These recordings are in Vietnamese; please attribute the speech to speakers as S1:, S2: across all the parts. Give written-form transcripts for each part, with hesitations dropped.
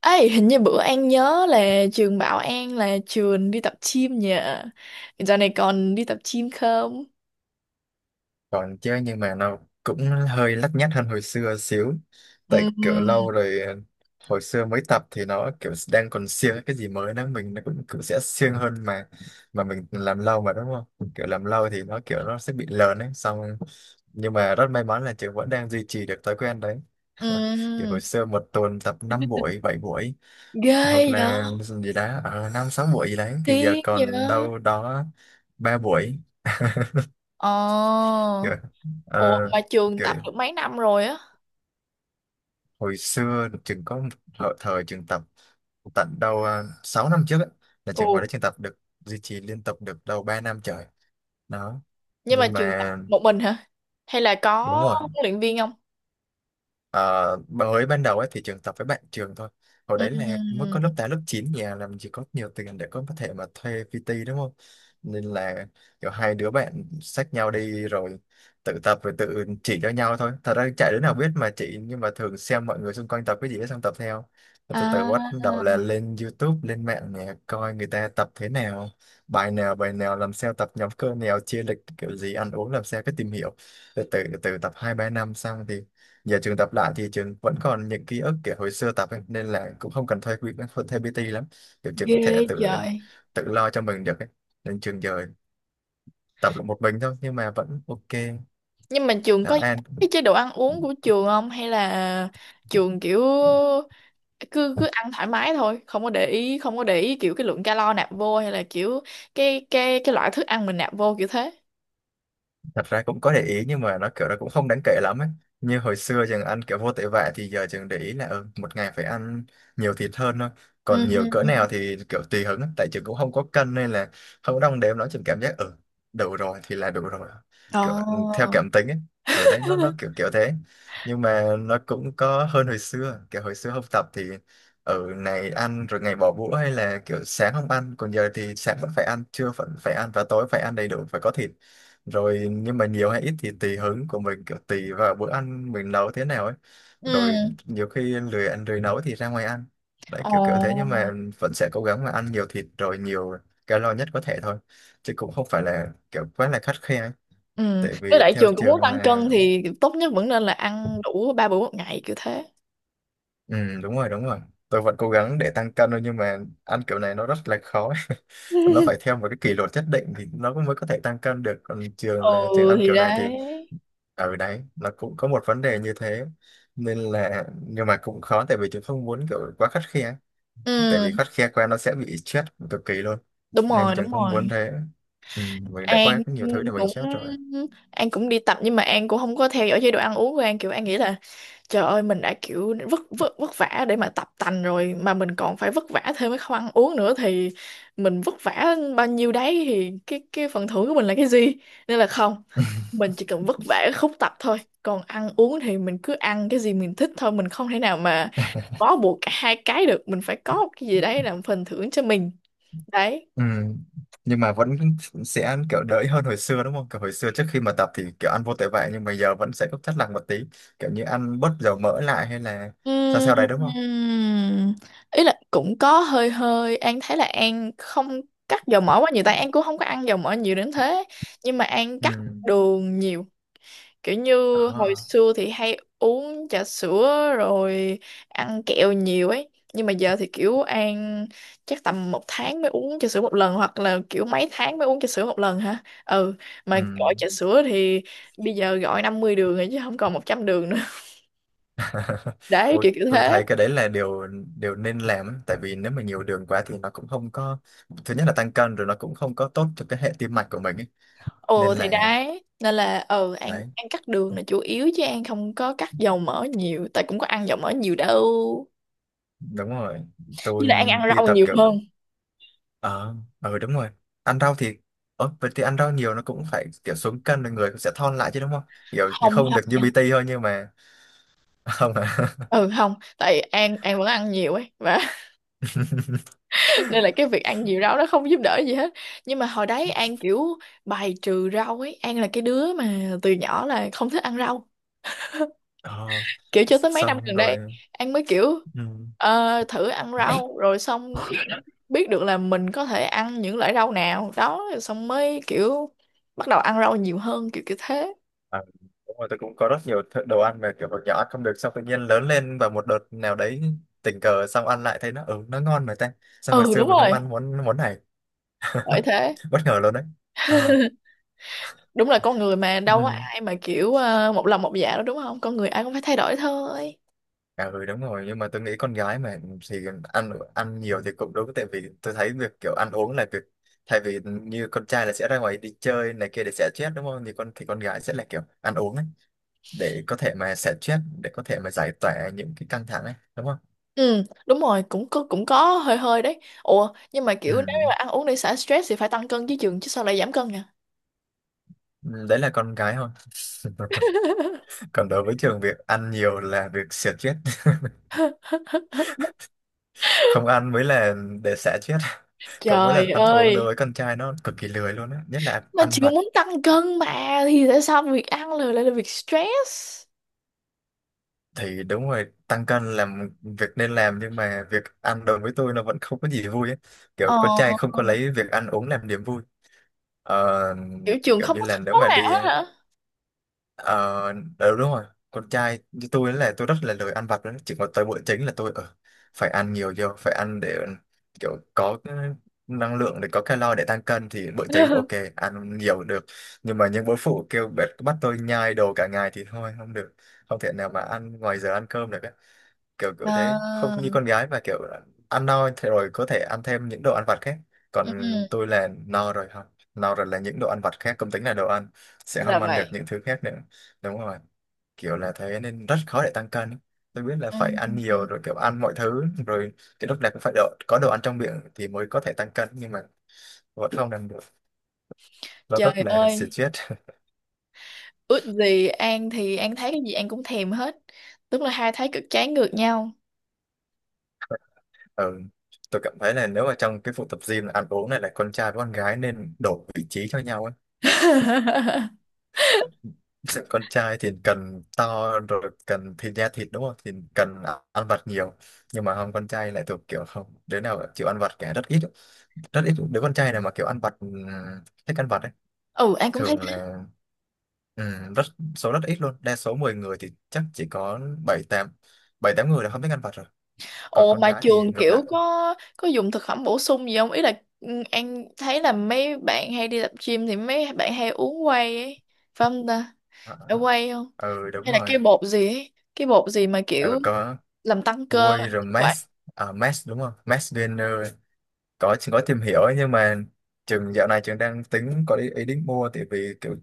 S1: Ấy hình như bữa An nhớ là trường bảo An là trường đi tập gym nhỉ. Giờ này còn đi tập gym không?
S2: Còn chứ, nhưng mà nó cũng hơi lắt nhắt hơn hồi xưa xíu.
S1: Ừ.
S2: Tại kiểu lâu rồi, hồi xưa mới tập thì nó kiểu đang còn siêng, cái gì mới đó mình nó cũng sẽ siêng hơn mà. Mà mình làm lâu mà đúng không, kiểu làm lâu thì nó kiểu nó sẽ bị lờn ấy. Xong nhưng mà rất may mắn là trường vẫn đang duy trì được thói quen đấy. Kiểu
S1: Ừ.
S2: hồi xưa một tuần tập 5 buổi 7 buổi, hoặc
S1: Ghê vậy.
S2: là gì đó ở 5 6 buổi gì đấy, thì giờ
S1: Tiếng vậy.
S2: còn đâu đó 3 buổi.
S1: Ờ.
S2: Kiểu, ờ,
S1: Ồ, mà trường
S2: kiểu
S1: tập được mấy năm rồi á?
S2: hồi xưa trường có một thời trường tập tận đâu 6 năm trước á, là
S1: Ồ.
S2: trường hồi đó trường tập được, duy trì liên tục được đâu 3 năm trời đó.
S1: Nhưng mà
S2: Nhưng
S1: trường tập
S2: mà
S1: một mình hả, hay là
S2: đúng
S1: có
S2: rồi,
S1: huấn luyện viên không?
S2: Ờ, mới ban đầu ấy thì trường tập với bạn trường thôi. Hồi đấy là mới
S1: Ừ.
S2: có lớp 8 lớp chín, nhà làm chỉ có nhiều tiền để có thể mà thuê PT đúng không, nên là kiểu hai đứa bạn xách nhau đi rồi tự tập, rồi tự chỉ cho nhau thôi. Thật ra chạy đứa nào biết mà chỉ, nhưng mà thường xem mọi người xung quanh tập cái gì ấy, xong tập theo. Rồi từ từ bắt
S1: À,
S2: đầu là lên YouTube lên mạng nè, coi người ta tập thế nào, bài nào bài nào làm sao, tập nhóm cơ nào, chia lịch kiểu gì, ăn uống làm sao, cái tìm hiểu từ từ. Từ tập hai ba năm xong thì giờ trường tập lại thì trường vẫn còn những ký ức kiểu hồi xưa tập ấy, nên là cũng không cần thuê quỹ, thuê PT lắm. Kiểu trường
S1: ghê.
S2: có thể tự
S1: Trời.
S2: tự lo cho mình được ấy. Nên trường giờ tập là một mình thôi nhưng mà vẫn ok.
S1: Nhưng mà trường
S2: Đã
S1: có
S2: an.
S1: cái chế độ ăn uống của trường không, hay là trường kiểu cứ cứ ăn thoải mái thôi, không có để ý, không có để ý kiểu cái lượng calo nạp vô, hay là kiểu cái loại thức ăn mình nạp vô kiểu thế?
S2: Thật ra cũng có để ý nhưng mà nó kiểu nó cũng không đáng kể lắm ấy. Như hồi xưa chừng ăn kiểu vô tội vạ, thì giờ chừng để ý là ừ, một ngày phải ăn nhiều thịt hơn thôi.
S1: Ừ,
S2: Còn nhiều cỡ
S1: ừ.
S2: nào thì kiểu tùy hứng ấy. Tại chừng cũng không có cân nên là không có đong đếm, nó chừng cảm giác ừ đủ rồi thì là đủ rồi. Kiểu ừ, theo
S1: Ồ.
S2: cảm tính ấy, ở đấy nó kiểu kiểu thế. Nhưng mà nó cũng có hơn hồi xưa, kiểu hồi xưa học tập thì ở ngày ăn rồi ngày bỏ bữa, hay là kiểu sáng không ăn. Còn giờ thì sáng vẫn phải ăn, trưa vẫn phải ăn, và tối phải ăn đầy đủ, phải có thịt rồi. Nhưng mà nhiều hay ít thì tùy hứng của mình, kiểu tùy vào bữa ăn mình nấu thế nào ấy.
S1: Ừ.
S2: Rồi nhiều khi lười ăn lười nấu thì ra ngoài ăn. Đấy, kiểu kiểu thế. Nhưng
S1: Ồ.
S2: mà vẫn sẽ cố gắng là ăn nhiều thịt rồi nhiều calo nhất có thể thôi, chứ cũng không phải là kiểu quá là khắt khe ấy.
S1: Ừ,
S2: Tại
S1: với
S2: vì
S1: lại
S2: theo
S1: trường cũng muốn
S2: trường
S1: tăng cân
S2: là
S1: thì tốt nhất vẫn nên là ăn đủ ba bữa một ngày kiểu thế.
S2: ừ đúng rồi đúng rồi, tôi vẫn cố gắng để tăng cân thôi, nhưng mà ăn kiểu này nó rất là khó ấy. Nó phải theo một cái kỷ luật nhất định thì nó mới có thể tăng cân được. Còn trường
S1: Ừ,
S2: là trường ăn
S1: thì
S2: kiểu này thì
S1: đấy.
S2: ở đấy nó cũng có một vấn đề như thế. Nên là, nhưng mà cũng khó, tại vì trường không muốn kiểu quá khắt khe. Tại vì
S1: Ừ,
S2: khắt khe quá nó sẽ bị stress cực kỳ luôn,
S1: đúng
S2: nên
S1: rồi,
S2: trường
S1: đúng
S2: không muốn
S1: rồi.
S2: thế. Ừ, mình đã
S1: An
S2: có nhiều thứ để mình
S1: cũng
S2: stress rồi.
S1: An cũng đi tập, nhưng mà An cũng không có theo dõi chế độ ăn uống của An. Kiểu An nghĩ là trời ơi, mình đã kiểu vất vất vất vả để mà tập tành rồi, mà mình còn phải vất vả thêm cái không ăn uống nữa thì mình vất vả bao nhiêu đấy thì cái phần thưởng của mình là cái gì? Nên là không, mình chỉ cần vất vả ở khúc tập thôi, còn ăn uống thì mình cứ ăn cái gì mình thích thôi. Mình không thể nào mà bó buộc cả hai cái được, mình phải có một cái gì đấy làm phần thưởng cho mình. Đấy.
S2: Ừ. Nhưng mà vẫn sẽ kiểu đỡ hơn hồi xưa đúng không, kiểu hồi xưa trước khi mà tập thì kiểu ăn vô tội vạ, nhưng mà giờ vẫn sẽ có chất lặng một tí, kiểu như ăn bớt dầu mỡ lại, hay là sao sao đấy đúng không.
S1: Ừm, Ý là cũng có hơi hơi, An thấy là An không cắt dầu mỡ quá nhiều, tại An cũng không có ăn dầu mỡ nhiều đến thế, nhưng mà An
S2: Ừ.
S1: cắt đường nhiều. Kiểu như hồi
S2: Đó.
S1: xưa thì hay uống trà sữa rồi ăn kẹo nhiều ấy, nhưng mà giờ thì kiểu An chắc tầm một tháng mới uống trà sữa một lần, hoặc là kiểu mấy tháng mới uống trà sữa một lần. Hả? Ừ. Mà
S2: Ừ.
S1: gọi trà sữa thì bây giờ gọi 50 đường rồi, chứ không còn 100 đường nữa. Đấy,
S2: Ôi,
S1: kiểu kiểu
S2: tôi
S1: thế.
S2: thấy cái đấy là điều điều nên làm ấy. Tại vì nếu mà nhiều đường quá thì nó cũng không có, thứ nhất là tăng cân, rồi nó cũng không có tốt cho cái hệ tim mạch của mình ấy. Nên
S1: Ừ, thì
S2: là
S1: đấy, nên là ừ, An
S2: đấy,
S1: An cắt đường là chủ yếu, chứ An không có cắt dầu mỡ nhiều, tại cũng có ăn dầu mỡ nhiều đâu.
S2: đúng rồi, tôi
S1: Với lại An ăn
S2: đi
S1: rau
S2: tập
S1: nhiều
S2: kiểu
S1: hơn.
S2: ờ ờ đúng rồi, ăn rau thì ờ vậy thì ăn rau nhiều nó cũng phải kiểu xuống cân rồi, người cũng sẽ thon lại chứ đúng không. Kiểu
S1: Không,
S2: không được
S1: không
S2: như
S1: nha.
S2: BT thôi, nhưng mà không à.
S1: Ừ, không, tại An vẫn ăn nhiều ấy và nên là cái việc ăn nhiều rau nó không giúp đỡ gì hết. Nhưng mà hồi đấy An kiểu bài trừ rau ấy, An là cái đứa mà từ nhỏ là không thích ăn rau,
S2: Ờ,
S1: kiểu cho tới mấy năm
S2: xong
S1: gần đây
S2: rồi.
S1: An mới kiểu
S2: Ừ.
S1: thử ăn rau, rồi xong biết được là mình có thể ăn những loại rau nào đó, xong mới kiểu bắt đầu ăn rau nhiều hơn kiểu kiểu thế.
S2: À, đúng rồi, tôi cũng có rất nhiều đồ ăn mà kiểu hồi nhỏ ăn không được, xong tự nhiên lớn lên và một đợt nào đấy tình cờ xong ăn lại thấy nó ừ nó ngon mà ta, sao hồi
S1: Ừ,
S2: xưa
S1: đúng
S2: mình không
S1: rồi.
S2: ăn món món này.
S1: Bởi thế.
S2: Bất ngờ luôn đấy. À,
S1: Đúng là con người mà đâu có
S2: ừ.
S1: ai mà kiểu một lòng một dạ đâu, đúng không? Con người ai cũng phải thay đổi thôi.
S2: À ừ đúng rồi, nhưng mà tôi nghĩ con gái mà thì ăn ăn nhiều thì cũng đúng. Tại vì tôi thấy việc kiểu ăn uống là việc, thay vì như con trai là sẽ ra ngoài đi chơi này kia để xả stress đúng không, thì con gái sẽ là kiểu ăn uống ấy, để có thể mà xả stress, để có thể mà giải tỏa những cái căng thẳng ấy đúng không.
S1: Ừ, đúng rồi, cũng có, cũng có hơi hơi đấy. Ủa, nhưng mà kiểu nếu như
S2: Ừ.
S1: mà ăn uống để xả stress thì phải tăng cân chứ, chừng chứ sao lại giảm cân nhỉ?
S2: Ừ, đấy là con gái thôi. Còn đối với trường việc ăn nhiều là việc xỉa chết, không ăn mới là để xả chết. Còn mỗi
S1: Trời
S2: lần ăn uống đối
S1: ơi.
S2: với con trai nó cực kỳ lười luôn á, nhất là
S1: Mà
S2: ăn
S1: chưa
S2: vặt.
S1: muốn tăng cân mà thì tại sao việc ăn là lại là việc stress?
S2: Thì đúng rồi, tăng cân là một việc nên làm, nhưng mà việc ăn đối với tôi nó vẫn không có gì vui ấy. Kiểu
S1: Ờ,
S2: con trai không có lấy việc ăn uống làm niềm vui. Ờ,
S1: kiểu trường
S2: kiểu
S1: không
S2: như
S1: có
S2: là
S1: thích
S2: nếu
S1: món
S2: mà
S1: nào
S2: đi,
S1: hết hả?
S2: Ờ, ừ, đúng rồi, con trai như tôi là tôi rất là lười ăn vặt đó. Chỉ có tới bữa chính là tôi ờ, phải ăn nhiều vô, phải ăn để kiểu có cái năng lượng, để có calo để tăng cân, thì bữa chính ok ăn nhiều được. Nhưng mà những bữa phụ kêu bắt bắt tôi nhai đồ cả ngày thì thôi không được, không thể nào mà ăn ngoài giờ ăn cơm được. Kiểu kiểu thế, không
S1: À.
S2: như con gái mà kiểu à, ăn no thì rồi có thể ăn thêm những đồ ăn vặt khác. Còn
S1: Ừ.
S2: tôi là no rồi, không, no rồi là những đồ ăn vặt khác không tính là đồ ăn, sẽ
S1: Dạ
S2: không ăn được
S1: vậy.
S2: những thứ khác nữa. Đúng rồi, kiểu là thế nên rất khó để tăng cân. Tôi biết là
S1: Ừ,
S2: phải ăn
S1: ừ.
S2: nhiều rồi, kiểu ăn mọi thứ rồi, cái lúc này cũng phải có đồ ăn trong miệng thì mới có thể tăng cân, nhưng mà vẫn không làm được. Nó rất
S1: Trời
S2: là
S1: ơi,
S2: stress.
S1: ước gì. An thì An thấy cái gì An cũng thèm hết. Tức là hai thấy cực trái ngược nhau.
S2: Ừ. Tôi cảm thấy là nếu mà trong cái vụ tập gym là ăn uống này, là con trai với con gái nên đổi vị trí cho nhau ấy. Con trai thì cần to rồi, cần thịt thịt đúng không, thì cần ăn vặt nhiều. Nhưng mà không, con trai lại thuộc kiểu không đứa nào chịu ăn vặt cả, rất ít, rất ít đứa con trai nào mà kiểu ăn vặt thích ăn vặt ấy.
S1: Ừ, An cũng thấy
S2: Thường
S1: thế.
S2: là rất số rất ít luôn. Đa số 10 người thì chắc chỉ có bảy tám bảy tám người là không thích ăn vặt rồi. Còn
S1: Ồ,
S2: con
S1: mà
S2: gái thì
S1: trường
S2: ngược
S1: kiểu
S2: lại.
S1: có dùng thực phẩm bổ sung gì không? Ý là An thấy là mấy bạn hay đi tập gym thì mấy bạn hay uống whey ấy. Phải không ta?
S2: Ờ,
S1: Phải whey không?
S2: ờ, ừ đúng
S1: Hay là
S2: rồi.
S1: cái bột gì ấy? Cái bột gì mà
S2: Ừ,
S1: kiểu
S2: có
S1: làm tăng cơ
S2: Guy rồi
S1: vậy?
S2: Max, à, Max đúng không, Max Gainer, có tìm hiểu ấy, nhưng mà trường dạo này trường đang tính có ý định mua. Tại vì kiểu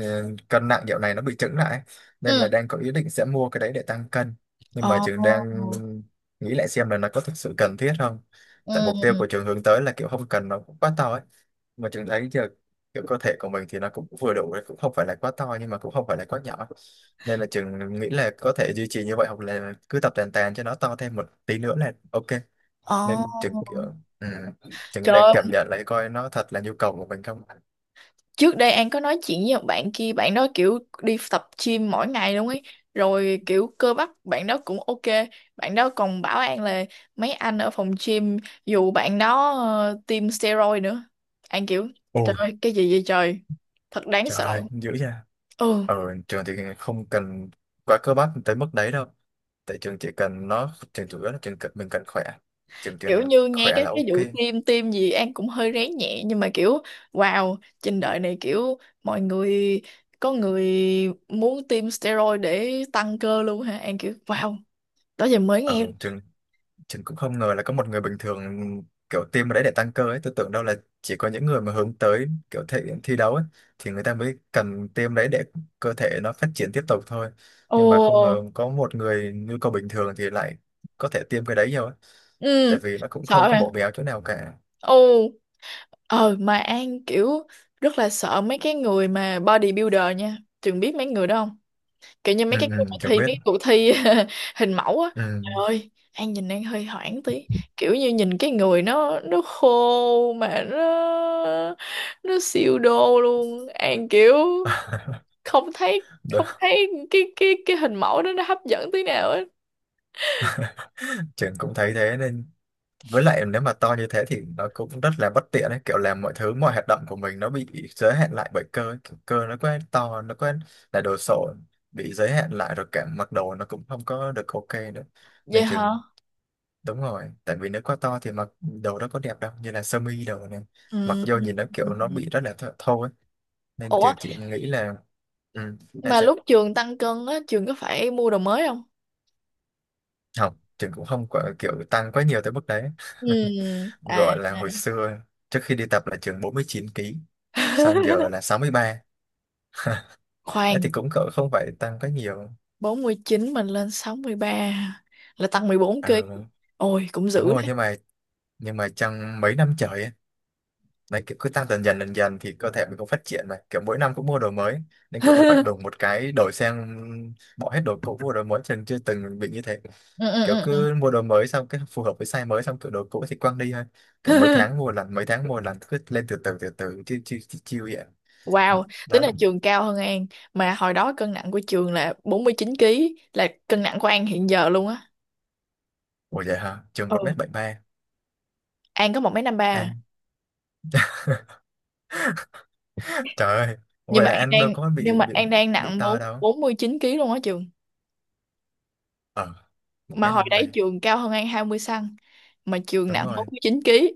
S2: ờ, cân nặng dạo này nó bị chững lại ấy. Nên là
S1: Ừ.
S2: đang có ý định sẽ mua cái đấy để tăng cân. Nhưng mà trường đang
S1: Ồ.
S2: nghĩ lại xem là nó có thực sự cần thiết không. Tại mục tiêu
S1: Ừ.
S2: của trường hướng tới là kiểu không cần nó cũng quá to ấy. Mà trường thấy giờ kiểu cơ thể của mình thì nó cũng vừa đủ đấy, cũng không phải là quá to, nhưng mà cũng không phải là quá nhỏ. Nên là trường nghĩ là có thể duy trì như vậy, hoặc là cứ tập tàn tàn cho nó to thêm một tí nữa là ok.
S1: Ồ,
S2: Nên chừng kiểu ừ, chừng
S1: trời
S2: đang
S1: ơi,
S2: cảm nhận lại coi nó thật là nhu cầu của mình không.
S1: trước đây An có nói chuyện với một bạn kia, bạn đó kiểu đi tập gym mỗi ngày luôn ấy, rồi kiểu cơ bắp bạn đó cũng ok. Bạn đó còn bảo An là mấy anh ở phòng gym dù bạn đó tiêm steroid nữa. An kiểu trời
S2: Ôi
S1: ơi, cái gì vậy trời, thật đáng
S2: trời
S1: sợ.
S2: ơi, dữ nha.
S1: Ừ.
S2: Ở trường thì không cần quá cơ bắp tới mức đấy đâu. Tại trường chỉ cần nó, trường chủ yếu là trường cần mình cần khỏe, trường
S1: Kiểu
S2: cần
S1: như nghe
S2: khỏe
S1: các
S2: là
S1: cái vụ
S2: ok.
S1: tiêm tiêm gì An cũng hơi rén nhẹ, nhưng mà kiểu wow, trên đời này kiểu mọi người, có người muốn tiêm steroid để tăng cơ luôn hả? An kiểu wow, đó giờ mới
S2: Ở
S1: nghe.
S2: trường ฉัcũng không ngờ là có một người bình thường kiểu tiêm vào đấy để tăng cơ ấy. Tôi tưởng đâu là chỉ có những người mà hướng tới kiểu thể thi đấu ấy, thì người ta mới cần tiêm đấy để cơ thể nó phát triển tiếp tục thôi. Nhưng mà không ngờ
S1: Ồ.
S2: có một người nhu cầu bình thường thì lại có thể tiêm cái đấy nhiều ấy.
S1: Ừ.
S2: Tại vì nó cũng không
S1: Sợ
S2: có
S1: hả.
S2: bổ béo chỗ nào cả.
S1: Ồ. Ờ, mà An kiểu rất là sợ mấy cái người mà bodybuilder nha. Trường biết mấy người đó không? Kiểu như
S2: Ừ,
S1: mấy cái
S2: ừ,
S1: bài thi,
S2: chẳng
S1: mấy
S2: biết.
S1: cái cuộc thi hình mẫu á.
S2: Ừ.
S1: Trời ơi, An nhìn An hơi hoảng tí, kiểu như nhìn cái người nó khô mà nó siêu đô luôn. An kiểu không thấy,
S2: Đúng.
S1: không thấy cái hình mẫu đó nó hấp dẫn tí nào á.
S2: Trường cũng thấy thế, nên với lại nếu mà to như thế thì nó cũng rất là bất tiện ấy, kiểu làm mọi thứ, mọi hoạt động của mình nó bị giới hạn lại bởi cơ ấy. Kiểu cơ nó quá to, nó quá là đồ sộ, bị giới hạn lại, rồi cả mặc đồ nó cũng không có được ok nữa
S1: Vậy
S2: nên
S1: hả.
S2: chừng đúng rồi, tại vì nếu quá to thì mặc đồ đó có đẹp đâu, như là sơ mi đồ này mặc
S1: Ừ.
S2: vô nhìn nó kiểu nó bị rất là thô ấy, nên
S1: Ủa
S2: trường chỉ nghĩ là ừ, nên
S1: mà
S2: sẽ
S1: lúc trường tăng cân á, trường có phải mua đồ mới không?
S2: không. Trường cũng không có kiểu tăng quá nhiều tới mức đấy.
S1: Ừ. À.
S2: Gọi là hồi xưa trước khi đi tập là chừng 49 ký, xong giờ là 63, ấy thì
S1: Khoan,
S2: cũng cỡ không phải tăng quá nhiều.
S1: 49 mình lên 63 là tăng 14 ký.
S2: Ừ,
S1: Ôi cũng dữ
S2: đúng rồi,
S1: đấy.
S2: nhưng mà trong mấy năm trời ấy, đấy kiểu cứ tăng dần dần dần dần thì cơ thể mình cũng phát triển, mà kiểu mỗi năm cũng mua đồ mới, nên kiểu không phải đùng một cái đổi sang bỏ hết đồ cũ mua đồ mới, chừng chưa từng bị như thế.
S1: Ừ, ừ,
S2: Kiểu
S1: ừ. Ừ.
S2: cứ mua đồ mới xong cái phù hợp với size mới, xong kiểu đồ cũ thì quăng đi thôi. Kiểu mấy tháng mua lần, mấy tháng mua lần, cứ lên từ từ chiêu chiêu chiêu chiêu vậy
S1: Wow, tính
S2: đó.
S1: là trường cao hơn An, mà hồi đó cân nặng của trường là 49 ký là cân nặng của An hiện giờ luôn á.
S2: Ủa vậy hả? Trường
S1: Ừ,
S2: một mét bảy ba.
S1: An có một mấy năm ba à.
S2: Anh trời ơi,
S1: Nhưng
S2: vậy
S1: mà
S2: là anh đâu có
S1: An đang
S2: bị
S1: nặng
S2: to
S1: 4
S2: đâu.
S1: 49 kg luôn á trường.
S2: Ờ, một
S1: Mà
S2: mét
S1: hồi
S2: năm ba.
S1: đấy trường cao hơn An 20 cm mà trường
S2: Đúng
S1: nặng
S2: rồi,
S1: 49 ký.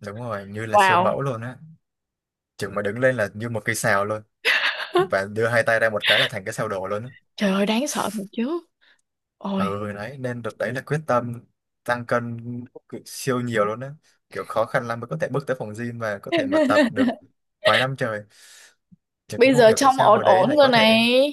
S2: đúng rồi, như là siêu
S1: Wow.
S2: mẫu luôn á. Trường mà đứng lên là như một cây sào luôn, và đưa hai tay ra một cái là thành cái sào đổ luôn á.
S1: Trời ơi đáng sợ thật chứ. Ôi.
S2: Ừ đấy, nên được đấy là quyết tâm tăng cân siêu nhiều luôn á. Kiểu khó khăn lắm mới có thể bước tới phòng gym và có thể mà tập được vài năm trời. Chứ cũng
S1: Bây
S2: không
S1: giờ
S2: hiểu tại
S1: trông
S2: sao
S1: ổn
S2: hồi đấy
S1: ổn
S2: lại
S1: rồi
S2: có thể.
S1: này.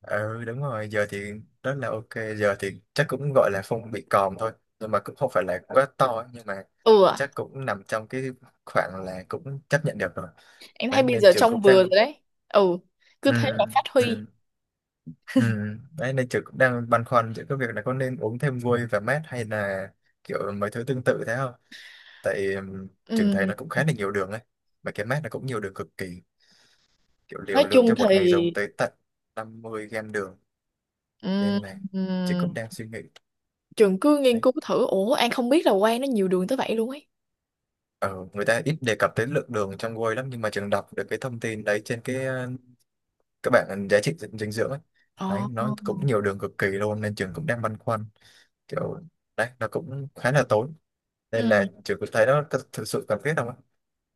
S2: Ừ đúng rồi, giờ thì rất là ok. Giờ thì chắc cũng gọi là phông bị còm thôi, nhưng mà cũng không phải là quá to ấy, nhưng mà
S1: Ừ. À,
S2: chắc cũng nằm trong cái khoảng là cũng chấp nhận được rồi.
S1: em thấy
S2: Đấy
S1: bây
S2: nên
S1: giờ
S2: trường
S1: trong
S2: cũng
S1: vừa rồi
S2: đang
S1: đấy ừ, cứ
S2: ừ,
S1: thế mà phát huy.
S2: ừ, ừ. Đấy nên trường cũng đang băn khoăn giữa cái việc là có nên uống thêm vôi và mát hay là kiểu mấy thứ tương tự thế không. Tại trường
S1: Ừ.
S2: thấy nó cũng khá là nhiều đường ấy, mà cái mát nó cũng nhiều đường cực kỳ, kiểu
S1: Nói
S2: liều lượng
S1: chung
S2: cho
S1: thì
S2: một ngày dùng tới tận 50 gram đường,
S1: ừm,
S2: nên là trường
S1: ừm,
S2: cũng đang suy nghĩ
S1: trường cứ nghiên
S2: đấy.
S1: cứu thử. Ủa, An không biết là Quang nó nhiều đường tới vậy luôn ấy.
S2: Ờ, người ta ít đề cập tới lượng đường trong whey lắm, nhưng mà trường đọc được cái thông tin đấy trên cái các bạn giá trị dinh dinh dưỡng ấy.
S1: Ồ.
S2: Đấy nó cũng nhiều đường cực kỳ luôn, nên trường cũng đang băn khoăn kiểu đấy nó cũng khá là tốn, nên
S1: Ừ.
S2: là trường cũng thấy nó có thực sự cần thiết không ạ.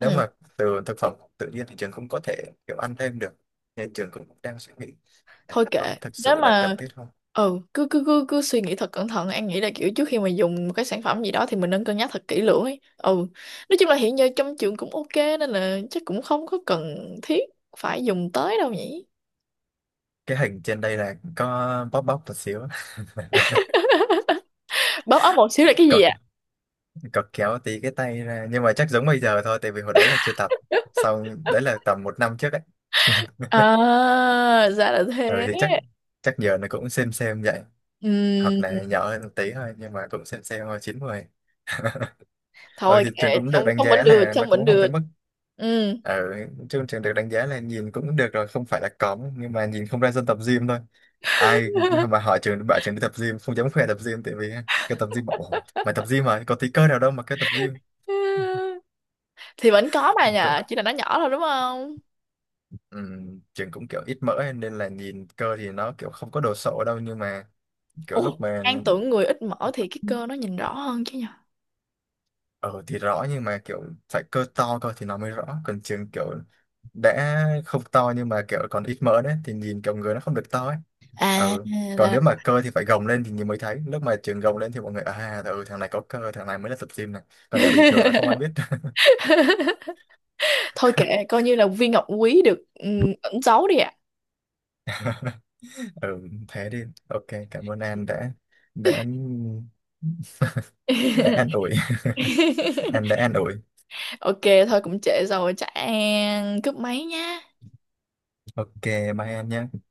S2: Nếu mà từ thực phẩm tự nhiên thì trường cũng có thể kiểu ăn thêm được, nên trường cũng đang suy nghĩ đấy,
S1: Thôi
S2: có
S1: kệ,
S2: thực
S1: nếu
S2: sự là cần
S1: mà
S2: thiết không.
S1: ừ, cứ cứ cứ cứ suy nghĩ thật cẩn thận. An nghĩ là kiểu trước khi mà dùng một cái sản phẩm gì đó thì mình nên cân nhắc thật kỹ lưỡng ấy. Ừ, nói chung là hiện giờ trong trường cũng ok, nên là chắc cũng không có cần thiết phải dùng tới đâu nhỉ.
S2: Cái hình trên đây là có bóp bóp một xíu,
S1: Bóp ấm một xíu là cái gì?
S2: còn cọc kéo tí cái tay ra, nhưng mà chắc giống bây giờ thôi, tại vì hồi đấy là chưa tập. Xong đấy là tầm một năm trước ấy.
S1: À, ra là
S2: Ừ
S1: thế.
S2: thì chắc chắc giờ nó cũng xem vậy, hoặc
S1: Ừm,
S2: là nhỏ hơn một tí thôi, nhưng mà cũng xem thôi chín mười. Ừ
S1: Thôi
S2: thì
S1: kệ,
S2: trường cũng được
S1: trông
S2: đánh
S1: trông vẫn
S2: giá
S1: được,
S2: là nó
S1: trông vẫn
S2: cũng không
S1: được.
S2: tới mức
S1: Ừ.
S2: ừ, trường trường được đánh giá là nhìn cũng được rồi, không phải là cóng, nhưng mà nhìn không ra dân tập gym thôi. Ai mà hỏi trường, bảo trường đi tập gym không dám khoe tập gym, tại vì cái tập gym bảo "Ủa, mày tập gym mà có tí cơ nào đâu" mà cái tập gym
S1: Thì vẫn có mà nhờ, chỉ là nó nhỏ thôi đúng không?
S2: ừm, trường cũng kiểu ít mỡ ấy, nên là nhìn cơ thì nó kiểu không có đồ sộ đâu, nhưng mà kiểu
S1: Ủa,
S2: lúc mà
S1: An tưởng người ít mỡ thì cái cơ nó nhìn rõ hơn chứ nhờ.
S2: ở thì rõ, nhưng mà kiểu phải cơ to, cơ thì nó mới rõ, còn trường kiểu đã không to nhưng mà kiểu còn ít mỡ đấy thì nhìn kiểu người nó không được to ấy.
S1: À,
S2: Ừ. Còn
S1: là...
S2: nếu mà cơ thì phải gồng lên thì nhìn mới thấy, lúc mà trường gồng lên thì mọi người à ừ, thằng này có cơ, thằng này mới là tập gym này, còn để bình thường là không ai biết.
S1: Thôi kệ, coi như là viên ngọc quý được ẩn giấu đi ạ.
S2: Ừ thế đi ok, cảm ơn An đã đã đã an ủi. An đã an ủi.
S1: Ok, thôi cũng trễ rồi, chắc An cúp máy nha.
S2: Ok, bye em nhé.